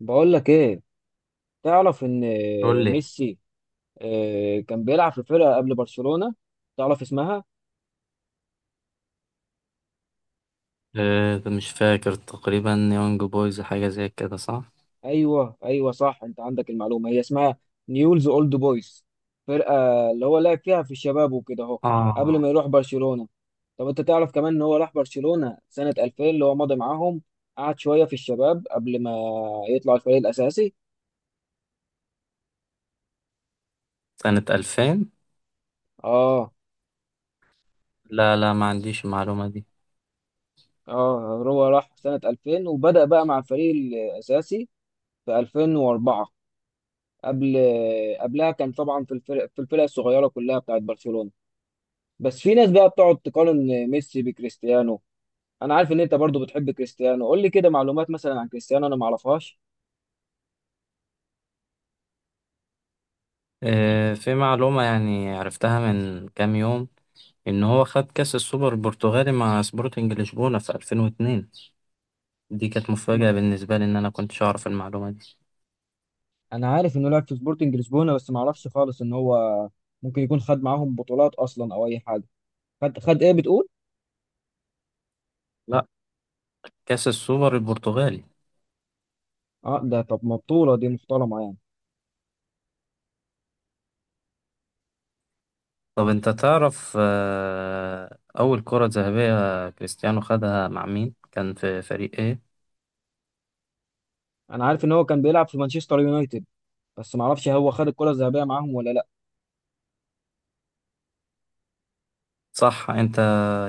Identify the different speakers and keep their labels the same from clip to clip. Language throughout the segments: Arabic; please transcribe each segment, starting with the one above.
Speaker 1: بقول لك ايه؟ تعرف ان
Speaker 2: قول لي.
Speaker 1: ميسي كان بيلعب في فرقه قبل برشلونه، تعرف اسمها؟
Speaker 2: مش فاكر تقريبا يونج بويز حاجة زي كده صح؟
Speaker 1: ايوه، ايوه، صح. انت عندك المعلومه، هي اسمها نيولز اولد بويز، فرقه اللي هو لعب فيها في الشباب وكده اهو، قبل
Speaker 2: اه
Speaker 1: ما يروح برشلونه. طب انت تعرف كمان ان هو راح برشلونه سنه 2000، اللي هو مضى معاهم قعد شويه في الشباب قبل ما يطلع الفريق الاساسي؟
Speaker 2: سنة 2000.
Speaker 1: اه.
Speaker 2: لا، لا، ما عنديش المعلومة دي.
Speaker 1: اه، هو راح سنه 2000 وبدأ بقى مع الفريق الاساسي في 2004. قبل قبلها كان طبعا في الفرق الصغيره كلها بتاعت برشلونه. بس في ناس بقى بتقعد تقارن ميسي بكريستيانو. انا عارف ان انت برضو بتحب كريستيانو، قول لي كده معلومات مثلا عن كريستيانو انا ما اعرفهاش.
Speaker 2: في معلومة يعني عرفتها من كام يوم، إن هو خد كأس السوبر البرتغالي مع سبورتنج لشبونة في 2002. دي كانت
Speaker 1: م-
Speaker 2: مفاجأة بالنسبة لي، إن أنا كنتش أعرف المعلومة دي.
Speaker 1: انا عارف انه لعب في سبورتنج لشبونه بس ما اعرفش خالص ان هو ممكن يكون خد معاهم بطولات اصلا او اي حاجه. خد ايه بتقول؟
Speaker 2: لا، كأس السوبر البرتغالي.
Speaker 1: اه، ده طب ما بطوله دي محترمه يعني.
Speaker 2: طب أنت تعرف، أول كرة ذهبية كريستيانو خدها مع مين؟ كان في فريق إيه؟
Speaker 1: انا عارف ان هو كان بيلعب في مانشستر يونايتد بس ما اعرفش هو خد الكره الذهبيه معاهم ولا لا.
Speaker 2: صح، انت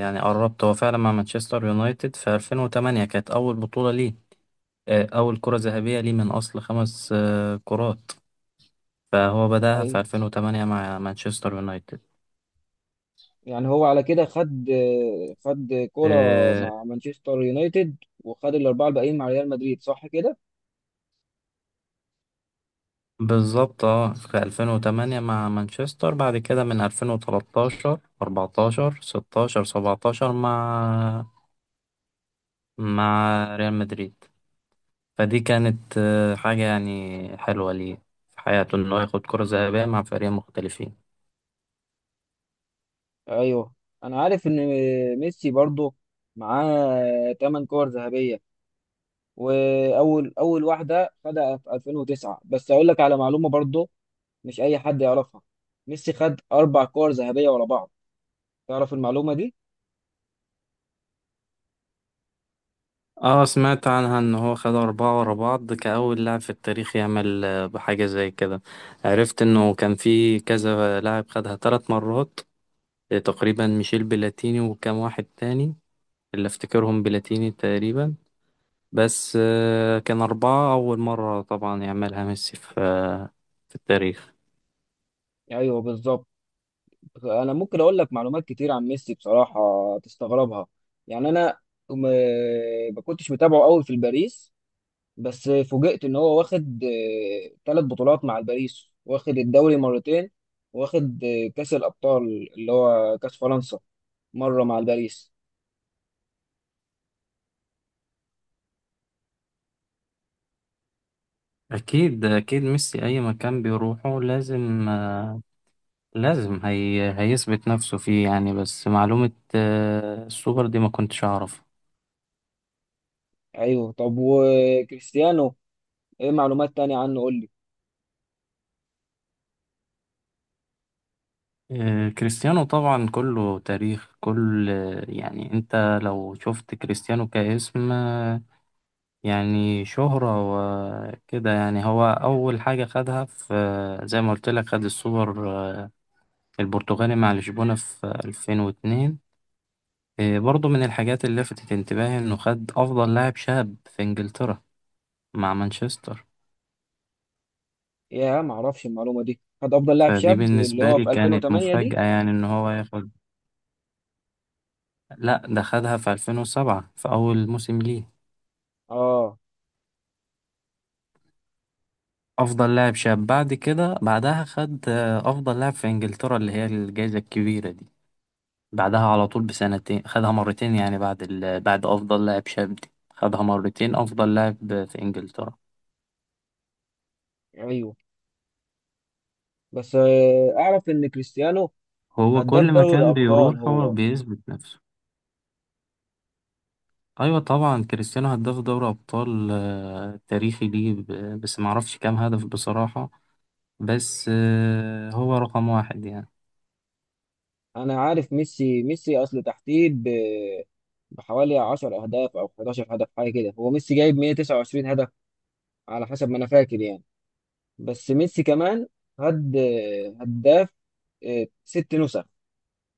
Speaker 2: يعني قربت. هو فعلا مع مانشستر يونايتد في 2008 كانت اول بطولة ليه، اول كرة ذهبية ليه من اصل خمس كرات، فهو بدأها
Speaker 1: اي،
Speaker 2: في 2008 مع مانشستر يونايتد.
Speaker 1: يعني هو على كده خد كرة
Speaker 2: آه،
Speaker 1: مع مانشستر يونايتد، وخد الأربعة الباقيين مع ريال مدريد، صح كده؟
Speaker 2: بالظبط. اه في 2008 مع مانشستر، بعد كده من 2013، 14، 16، 17 مع ريال مدريد. فدي كانت حاجة يعني حلوة ليه في حياته، انه ياخد كرة ذهبية مع فريقين مختلفين.
Speaker 1: أيوه، أنا عارف إن ميسي برضه معاه تمن كور ذهبية، وأول واحدة خدها في 2009. بس أقول لك على معلومة برضه مش أي حد يعرفها، ميسي خد أربع كور ذهبية ورا بعض، تعرف المعلومة دي؟
Speaker 2: اه سمعت عنها ان هو خد اربعة ورا بعض كأول لاعب في التاريخ يعمل بحاجة زي كده. عرفت انه كان في كذا لاعب خدها ثلاث مرات، تقريبا ميشيل بلاتيني وكام واحد تاني، اللي افتكرهم بلاتيني تقريبا. بس كان اربعة اول مرة طبعا يعملها ميسي في في التاريخ.
Speaker 1: أيوه بالظبط. انا ممكن اقول لك معلومات كتير عن ميسي بصراحه، تستغربها. يعني انا م... ما كنتش متابعه قوي في الباريس، بس فوجئت ان هو واخد ثلاث بطولات مع الباريس، واخد الدوري مرتين، واخد كاس الابطال اللي هو كاس فرنسا، مره مع الباريس.
Speaker 2: اكيد اكيد ميسي اي مكان بيروحه لازم لازم هي هيثبت نفسه فيه، يعني بس معلومة السوبر دي ما كنتش اعرف.
Speaker 1: ايوه، طب وكريستيانو ايه معلومات تانية عنه، قول لي.
Speaker 2: كريستيانو طبعا كله تاريخ، كل يعني انت لو شفت كريستيانو كاسم، يعني شهرة وكده. يعني هو أول حاجة خدها في زي ما قلت لك، خد السوبر البرتغالي مع لشبونة في 2002. برضو من الحاجات اللي لفتت انتباهي إنه خد أفضل لاعب شاب في إنجلترا مع مانشستر.
Speaker 1: يا، ما اعرفش المعلومه دي، خد افضل لاعب
Speaker 2: فدي
Speaker 1: شاب اللي
Speaker 2: بالنسبة
Speaker 1: هو
Speaker 2: لي
Speaker 1: في
Speaker 2: كانت
Speaker 1: 2008 دي.
Speaker 2: مفاجأة، يعني إن هو ياخد. لأ، ده خدها في 2007 في أول موسم ليه،
Speaker 1: اه،
Speaker 2: افضل لاعب شاب. بعد كده بعدها خد افضل لاعب في انجلترا، اللي هي الجائزة الكبيرة دي. بعدها على طول بسنتين خدها مرتين، يعني بعد افضل لاعب شاب دي خدها مرتين افضل لاعب في انجلترا.
Speaker 1: ايوه. بس اعرف ان كريستيانو
Speaker 2: هو
Speaker 1: هداف
Speaker 2: كل
Speaker 1: دوري
Speaker 2: مكان بيروح
Speaker 1: الأبطال
Speaker 2: هو
Speaker 1: هو.
Speaker 2: بيثبت نفسه. ايوه طبعا، كريستيانو هداف دوري ابطال، تاريخي ليه، بس ما اعرفش كام هدف بصراحة. بس هو رقم واحد يعني.
Speaker 1: أنا عارف، ميسي أصل تحتيه بحوالي 10 أهداف أو 11 هدف حاجة كده، هو ميسي جايب 129 هدف على حسب ما أنا فاكر يعني. بس ميسي كمان هد هداف ست نسخ،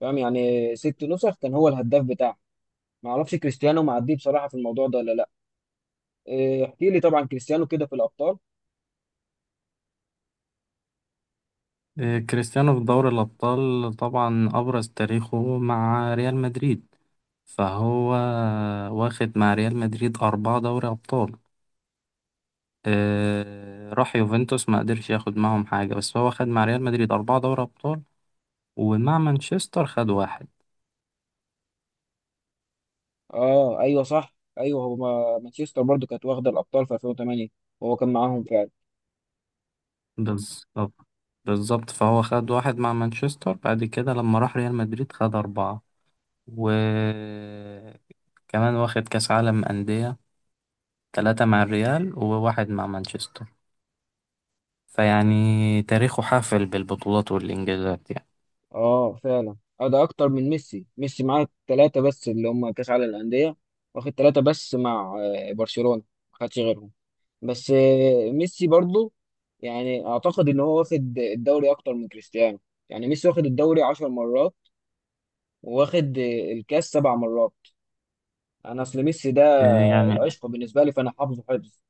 Speaker 1: فاهم؟ يعني ست نسخ كان هو الهداف بتاعه. معرفش كريستيانو معديه بصراحة في الموضوع ده ولا لأ. احكي لي طبعا كريستيانو كده في الأبطال.
Speaker 2: كريستيانو في دوري الابطال طبعا ابرز تاريخه مع ريال مدريد. فهو واخد مع ريال مدريد أربعة دوري أبطال. راح يوفنتوس، ما قدرش ياخد معهم حاجة، بس هو خد مع ريال مدريد أربعة دوري أبطال ومع مانشستر خد واحد.
Speaker 1: أه، أيوه، صح، أيوه، هو مانشستر برضو كانت واخدة الأبطال في 2008 وهو كان معاهم فعلا.
Speaker 2: بالظبط، بالظبط. فهو خد واحد مع مانشستر. بعد كده لما راح ريال مدريد خد أربعة، وكمان واخد كأس عالم أندية ثلاثة مع الريال وواحد مع مانشستر. فيعني تاريخه حافل بالبطولات والإنجازات يعني.
Speaker 1: اه، فعلا. اه، ده اكتر من ميسي. ميسي معاه ثلاثة بس، اللي هم كاس عالم الأندية، واخد ثلاثة بس مع برشلونة، ما خدش غيرهم. بس ميسي برضو يعني اعتقد ان هو واخد الدوري اكتر من كريستيانو، يعني ميسي واخد الدوري 10 مرات، وواخد الكاس سبع مرات. انا اصل ميسي ده
Speaker 2: آه، يعني
Speaker 1: العشق بالنسبة لي، فانا حافظه حفظ.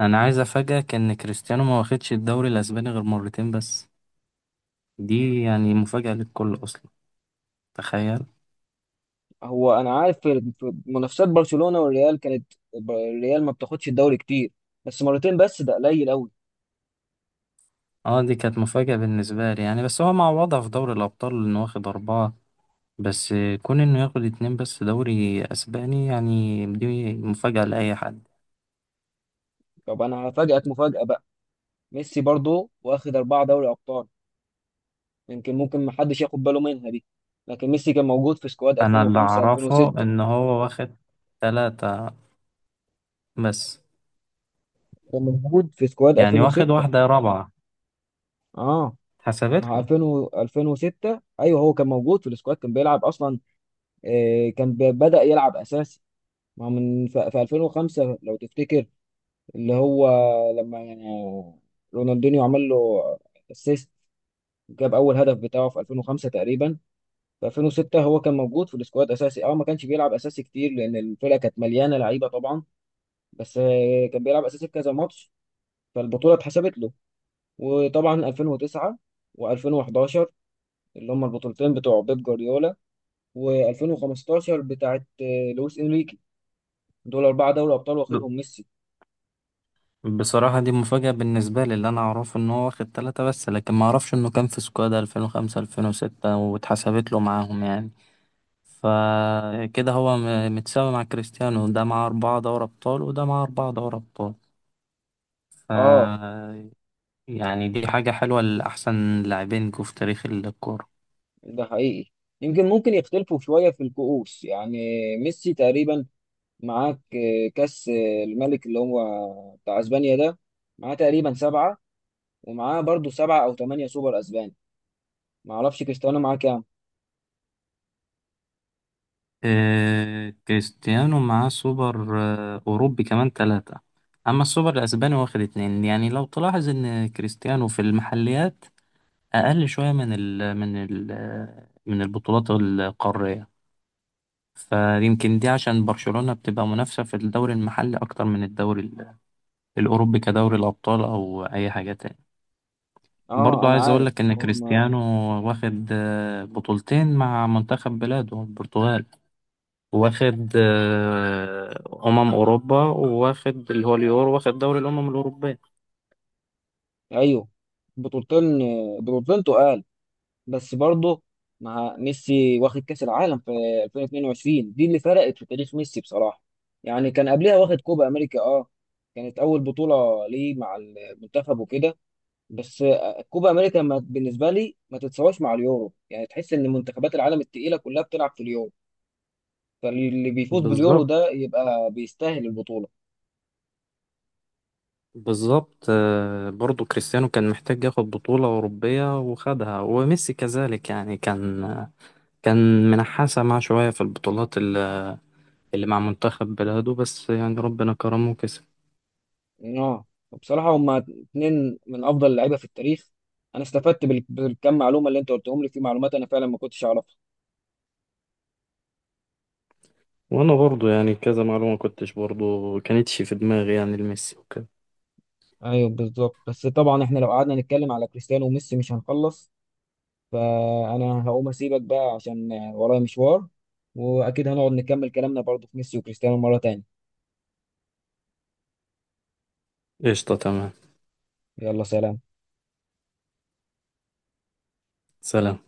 Speaker 2: انا عايز افاجئك ان كريستيانو ما واخدش الدوري الاسباني غير مرتين بس. دي يعني مفاجأة للكل اصلا، تخيل.
Speaker 1: هو انا عارف، في منافسات برشلونة والريال كانت الريال ما بتاخدش الدوري كتير، بس مرتين بس ده قليل قوي.
Speaker 2: اه، دي كانت مفاجأة بالنسبة لي يعني، بس هو معوضها في دوري الابطال انه واخد اربعة بس. كون انه ياخد اتنين بس دوري اسباني، يعني دي مفاجأة لاي حد.
Speaker 1: طب انا هفاجئك مفاجأة، ميسي برضه واخد أربعة دوري أبطال، يمكن ممكن محدش ياخد باله منها دي. لكن ميسي كان موجود في سكواد
Speaker 2: انا اللي
Speaker 1: 2005
Speaker 2: اعرفه
Speaker 1: 2006،
Speaker 2: ان هو واخد تلاتة بس.
Speaker 1: كان موجود في سكواد
Speaker 2: يعني واخد
Speaker 1: 2006.
Speaker 2: واحدة رابعة
Speaker 1: اه،
Speaker 2: اتحسبت
Speaker 1: مع 2000 2006 ايوه هو كان موجود في السكواد، كان بيلعب اصلا. آه، كان بدأ يلعب اساسي مع من في 2005 لو تفتكر، اللي هو لما يعني رونالدينيو عمل له اسيست، جاب اول هدف بتاعه في 2005 تقريبا. في 2006 هو كان موجود في السكواد اساسي، اه ما كانش بيلعب اساسي كتير لان الفرقه كانت مليانه لعيبه طبعا، بس كان بيلعب اساسي في كذا ماتش، فالبطوله اتحسبت له. وطبعا 2009 و2011 اللي هم البطولتين بتوع بيب جوارديولا، و2015 بتاعت لويس انريكي، دول اربعه دوري ابطال
Speaker 2: له.
Speaker 1: واخدهم ميسي.
Speaker 2: بصراحة دي مفاجأة بالنسبة لي، اللي أنا أعرفه إن هو واخد تلاتة بس، لكن ما أعرفش إنه كان في سكواد 2005، 2006 واتحسبت له معاهم يعني. فكده هو متساوي مع كريستيانو، ده معاه أربعة دوري أبطال وده معاه أربعة دوري أبطال. ف
Speaker 1: اه،
Speaker 2: يعني دي حاجة حلوة لأحسن لاعبين جو في تاريخ الكورة.
Speaker 1: ده حقيقي. يمكن ممكن يختلفوا شويه في الكؤوس يعني، ميسي تقريبا معاك كاس الملك اللي هو بتاع اسبانيا ده، معاه تقريبا سبعه، ومعاه برضو سبعة أو تمانية سوبر أسبان. معرفش كريستيانو معاه كام.
Speaker 2: إيه، كريستيانو معاه سوبر أوروبي كمان تلاتة. أما السوبر الأسباني واخد اتنين. يعني لو تلاحظ إن كريستيانو في المحليات أقل شوية من البطولات القارية. فيمكن دي عشان برشلونة بتبقى منافسة في الدوري المحلي أكتر من الدوري الأوروبي كدوري الأبطال أو أي حاجة تاني.
Speaker 1: اه،
Speaker 2: برضو
Speaker 1: أنا
Speaker 2: عايز أقول
Speaker 1: عارف.
Speaker 2: لك إن
Speaker 1: هم.
Speaker 2: كريستيانو واخد بطولتين مع منتخب بلاده البرتغال. واخد أمم أوروبا، وواخد اللي هو اليورو، واخد دوري الأمم الأوروبية.
Speaker 1: أيوه، بطولتين، بطولتين تقال. بس برضو مع ميسي واخد كأس العالم في 2022، دي اللي فرقت في تاريخ ميسي بصراحة. يعني كان قبلها واخد كوبا أمريكا، اه، كانت أول بطولة ليه مع المنتخب وكده. بس كوبا أمريكا بالنسبة لي ما تتساواش مع اليورو، يعني تحس إن منتخبات العالم التقيلة كلها بتلعب في اليورو، فاللي بيفوز باليورو ده
Speaker 2: بالظبط،
Speaker 1: يبقى بيستاهل البطولة.
Speaker 2: بالظبط. برضو كريستيانو كان محتاج ياخد بطولة أوروبية وخدها، وميسي كذلك يعني. كان منحاسة مع شوية في البطولات اللي مع منتخب بلاده، بس يعني ربنا كرمه وكسب.
Speaker 1: اه، بصراحة هما اتنين من أفضل اللعيبة في التاريخ. أنا استفدت بالكم معلومة اللي أنت قلتهم لي، في معلومات أنا فعلا ما كنتش أعرفها.
Speaker 2: وأنا برضو يعني كذا معلومة كنتش برضو كانتش في دماغي يعني لميسي وكده.
Speaker 1: أيوه بالظبط، بس طبعا إحنا لو قعدنا نتكلم على كريستيانو وميسي مش هنخلص، فأنا هقوم أسيبك بقى عشان ورايا مشوار، وأكيد هنقعد نكمل كلامنا برضه في ميسي وكريستيانو مرة تانية.
Speaker 2: قشطة، تمام.
Speaker 1: يلا، سلام.
Speaker 2: سلام.